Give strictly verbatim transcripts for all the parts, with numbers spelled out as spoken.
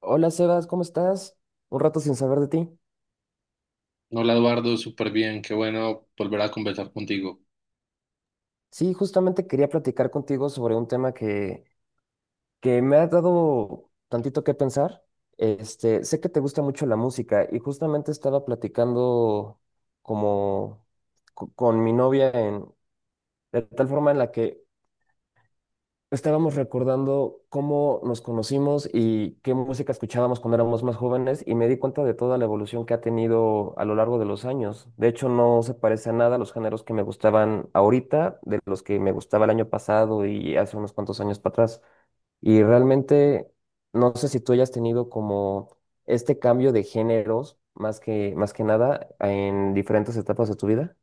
Hola Sebas, ¿cómo estás? Un rato sin saber de ti. Hola Eduardo, súper bien, qué bueno volver a conversar contigo. Sí, justamente quería platicar contigo sobre un tema que, que me ha dado tantito que pensar. Este, sé que te gusta mucho la música y justamente estaba platicando como co- con mi novia en, de tal forma en la que estábamos recordando cómo nos conocimos y qué música escuchábamos cuando éramos más jóvenes, y me di cuenta de toda la evolución que ha tenido a lo largo de los años. De hecho, no se parece a nada los géneros que me gustaban ahorita de los que me gustaba el año pasado y hace unos cuantos años para atrás. Y realmente no sé si tú hayas tenido como este cambio de géneros más que, más que nada en diferentes etapas de tu vida.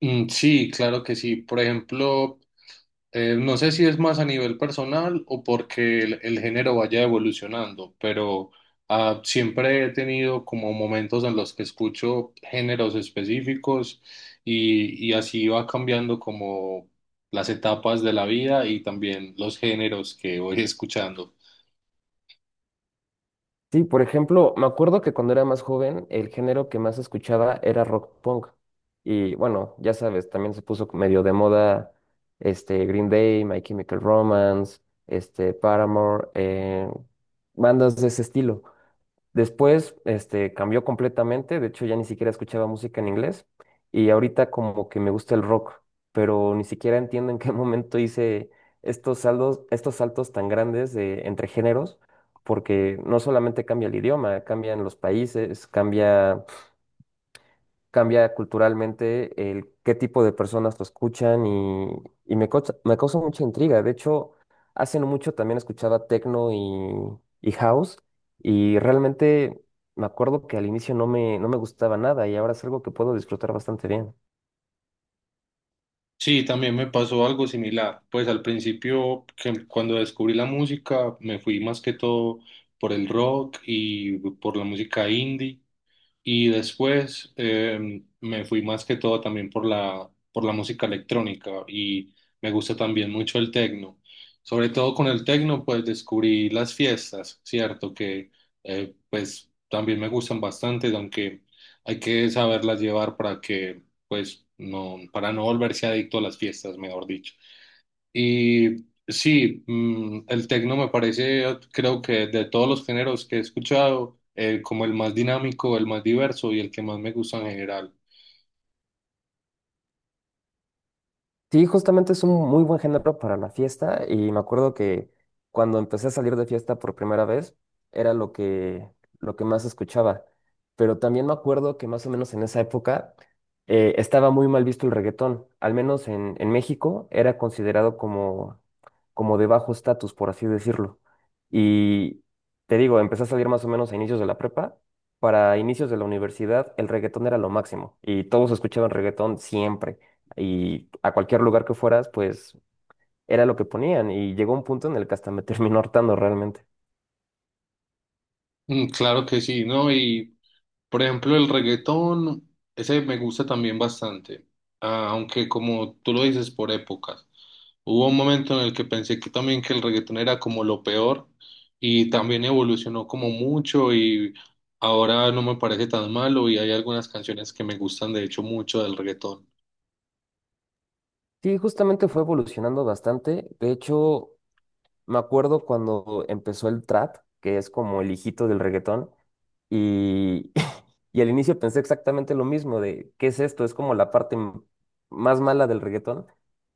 Mm, sí, claro que sí. Por ejemplo, eh, no sé si es más a nivel personal o porque el, el género vaya evolucionando, pero ah, siempre he tenido como momentos en los que escucho géneros específicos y, y así va cambiando como las etapas de la vida y también los géneros que voy escuchando. Sí, por ejemplo, me acuerdo que cuando era más joven, el género que más escuchaba era rock punk. Y bueno, ya sabes, también se puso medio de moda este Green Day, My Chemical Romance, este Paramore, eh, bandas de ese estilo. Después, este, cambió completamente. De hecho, ya ni siquiera escuchaba música en inglés y ahorita como que me gusta el rock, pero ni siquiera entiendo en qué momento hice estos saldos, estos saltos tan grandes de, entre géneros, porque no solamente cambia el idioma, cambian los países, cambia cambia culturalmente el qué tipo de personas lo escuchan, y, y me causa, me causa mucha intriga. De hecho, hace no mucho también escuchaba techno y, y house, y realmente me acuerdo que al inicio no me, no me gustaba nada, y ahora es algo que puedo disfrutar bastante bien. Sí, también me pasó algo similar. Pues al principio, que cuando descubrí la música, me fui más que todo por el rock y por la música indie. Y después eh, me fui más que todo también por la, por la música electrónica y me gusta también mucho el tecno. Sobre todo con el tecno, pues descubrí las fiestas, ¿cierto? Que eh, pues también me gustan bastante, aunque hay que saberlas llevar para que, pues, no, para no volverse adicto a las fiestas, mejor dicho. Y sí, mm, el tecno me parece, eh, creo que de todos los géneros que he escuchado, eh, como el más dinámico, el más diverso y el que más me gusta en general. Sí, justamente es un muy buen género para la fiesta, y me acuerdo que cuando empecé a salir de fiesta por primera vez era lo que, lo que más escuchaba. Pero también me acuerdo que más o menos en esa época eh, estaba muy mal visto el reggaetón. Al menos en, en México era considerado como, como de bajo estatus, por así decirlo. Y te digo, empecé a salir más o menos a inicios de la prepa. Para inicios de la universidad el reggaetón era lo máximo y todos escuchaban reggaetón siempre, y a cualquier lugar que fueras, pues era lo que ponían, y llegó un punto en el que hasta me terminó hartando realmente. Mm, claro que sí, ¿no? Y por ejemplo, el reggaetón, ese me gusta también bastante, Ah, aunque como tú lo dices, por épocas. Hubo un momento en el que pensé que también que el reggaetón era como lo peor y también evolucionó como mucho y ahora no me parece tan malo y hay algunas canciones que me gustan de hecho mucho del reggaetón. Sí, justamente fue evolucionando bastante. De hecho, me acuerdo cuando empezó el trap, que es como el hijito del reggaetón. Y, y al inicio pensé exactamente lo mismo, de qué es esto, es como la parte m- más mala del reggaetón.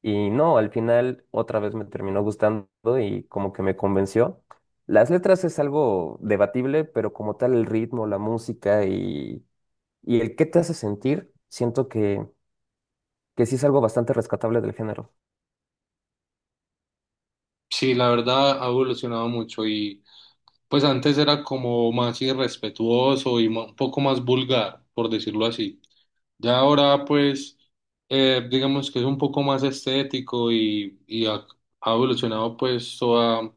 Y no, al final otra vez me terminó gustando y como que me convenció. Las letras es algo debatible, pero como tal el ritmo, la música y, y el qué te hace sentir, siento que, que sí es algo bastante rescatable del género. Sí, la verdad ha evolucionado mucho y pues antes era como más irrespetuoso y ma- un poco más vulgar, por decirlo así. Ya ahora pues eh, digamos que es un poco más estético y, y ha, ha evolucionado pues toda,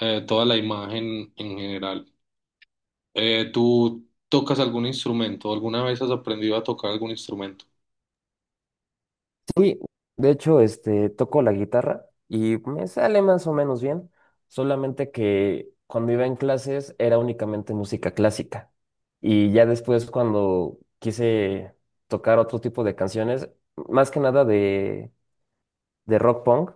eh, toda la imagen en general. Eh, ¿tú tocas algún instrumento? ¿Alguna vez has aprendido a tocar algún instrumento? Sí, de hecho, este, toco la guitarra y me sale más o menos bien, solamente que cuando iba en clases era únicamente música clásica, y ya después cuando quise tocar otro tipo de canciones, más que nada de, de rock punk,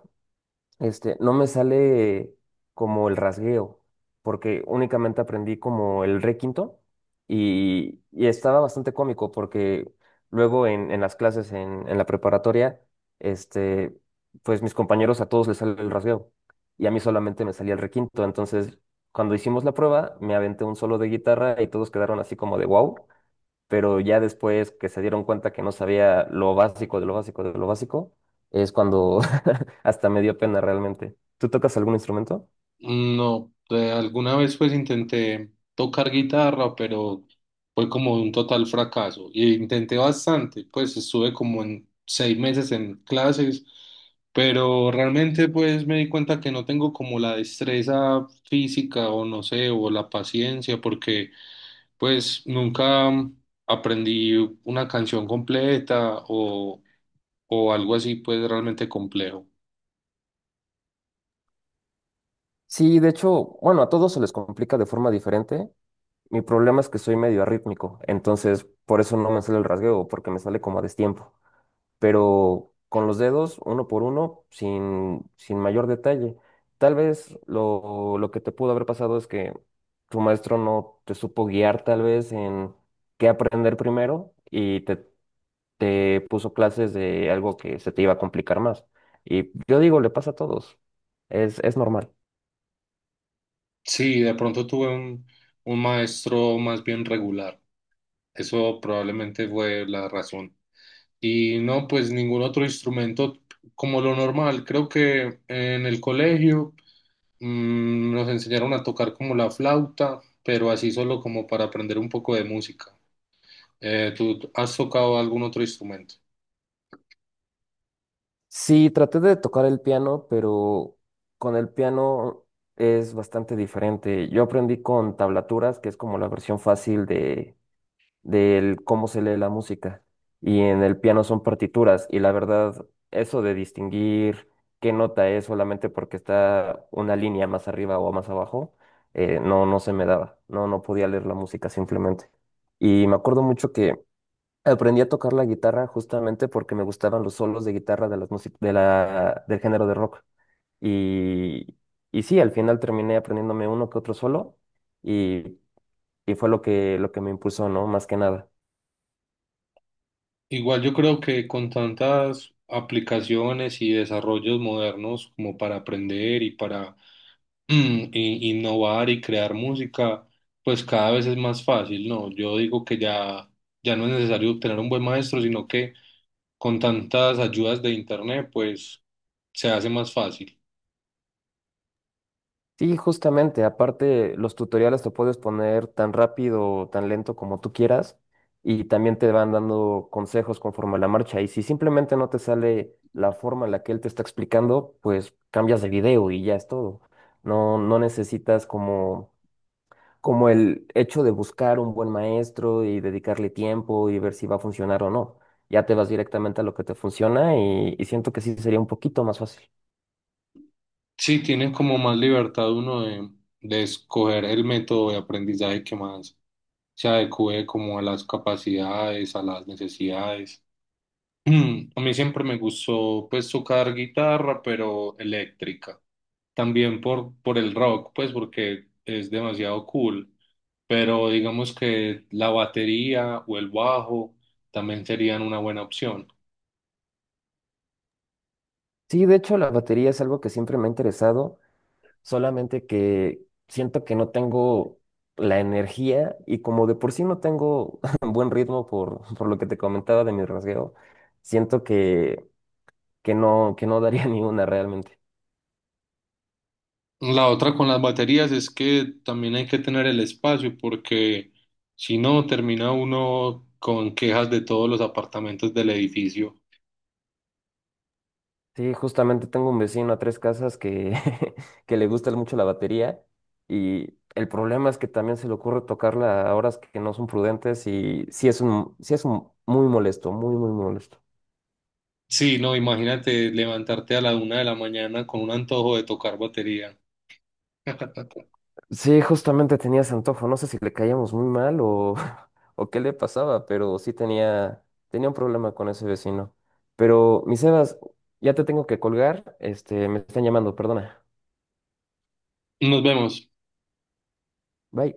este, no me sale como el rasgueo, porque únicamente aprendí como el re quinto, y, y estaba bastante cómico porque luego en, en las clases en, en la preparatoria, este, pues mis compañeros a todos les sale el rasgueo y a mí solamente me salía el re quinto. Entonces, cuando hicimos la prueba, me aventé un solo de guitarra y todos quedaron así como de wow, pero ya después que se dieron cuenta que no sabía lo básico de lo básico de lo básico, es cuando hasta me dio pena realmente. ¿Tú tocas algún instrumento? Mm, No, eh, alguna vez pues intenté tocar guitarra, pero fue como un total fracaso. Y intenté bastante, pues estuve como en seis meses en clases, pero realmente pues me di cuenta que no tengo como la destreza física o no sé, o la paciencia, porque pues nunca aprendí una canción completa o o algo así, pues realmente complejo. Sí, de hecho, bueno, a todos se les complica de forma diferente. Mi problema es que soy medio arrítmico, entonces por eso no me sale el rasgueo, porque me sale como a destiempo. Pero con los dedos, uno por uno, sin, sin mayor detalle. Tal vez lo, lo que te pudo haber pasado es que tu maestro no te supo guiar tal vez en qué aprender primero y te, te puso clases de algo que se te iba a complicar más. Y yo digo, le pasa a todos, es, es normal. Sí, de pronto tuve un, un maestro más bien regular. Eso probablemente fue la razón. Y no, pues ningún otro instrumento como lo normal. Creo que en el colegio mm, nos enseñaron a tocar como la flauta, pero así solo como para aprender un poco de música. Eh, ¿tú has tocado algún otro instrumento? Sí, traté de tocar el piano, pero con el piano es bastante diferente. Yo aprendí con tablaturas, que es como la versión fácil de del cómo se lee la música. Y en el piano son partituras. Y la verdad, eso de distinguir qué nota es solamente porque está una línea más arriba o más abajo, eh, no, no se me daba. No, no podía leer la música simplemente. Y me acuerdo mucho que aprendí a tocar la guitarra justamente porque me gustaban los solos de guitarra de las músic- de la, del género de rock. Y y sí, al final terminé aprendiéndome uno que otro solo, y, y fue lo que, lo que me impulsó, ¿no? Más que nada. Igual yo creo que con tantas aplicaciones y desarrollos modernos como para aprender y para Mm, y- innovar y crear música, pues cada vez es más fácil, ¿no? Yo digo que ya, ya no es necesario tener un buen maestro, sino que con tantas ayudas de internet, pues se hace más fácil. Sí, justamente. Aparte, los tutoriales te puedes poner tan rápido o tan lento como tú quieras, y también te van dando consejos conforme a la marcha. Y si simplemente no te sale la forma en la que él te está explicando, pues cambias de video y ya es todo. No, no necesitas como, como el hecho de buscar un buen maestro y dedicarle tiempo y ver si va a funcionar o no. Ya te vas directamente a lo que te funciona, y, y siento que sí sería un poquito más fácil. Sí, tiene como más libertad uno de, de escoger el método de aprendizaje que más se adecue como a las capacidades, a las necesidades. A mí siempre me gustó pues tocar guitarra, pero eléctrica, también por, por el rock, pues porque es demasiado cool, pero digamos que la batería o el bajo también serían una buena opción. Sí, de hecho, la batería es algo que siempre me ha interesado, solamente que siento que no tengo la energía, y como de por sí no tengo buen ritmo por, por lo que te comentaba de mi rasgueo, siento que, que no, que no daría ni una realmente. La otra con las baterías es que también hay que tener el espacio porque si no termina uno con quejas de todos los apartamentos del edificio. Sí, justamente tengo un vecino a tres casas que, que le gusta mucho la batería, y el problema es que también se le ocurre tocarla a horas que no son prudentes, y sí es un, sí es un muy molesto, muy, muy molesto. Sí, no, imagínate levantarte a la una de la mañana con un antojo de tocar batería. Sí, justamente tenía ese antojo, no sé si le caíamos muy mal o, o qué le pasaba, pero sí tenía, tenía un problema con ese vecino. Pero, mi Sebas, ya te tengo que colgar, este, me están llamando, perdona. Nos vemos. Bye.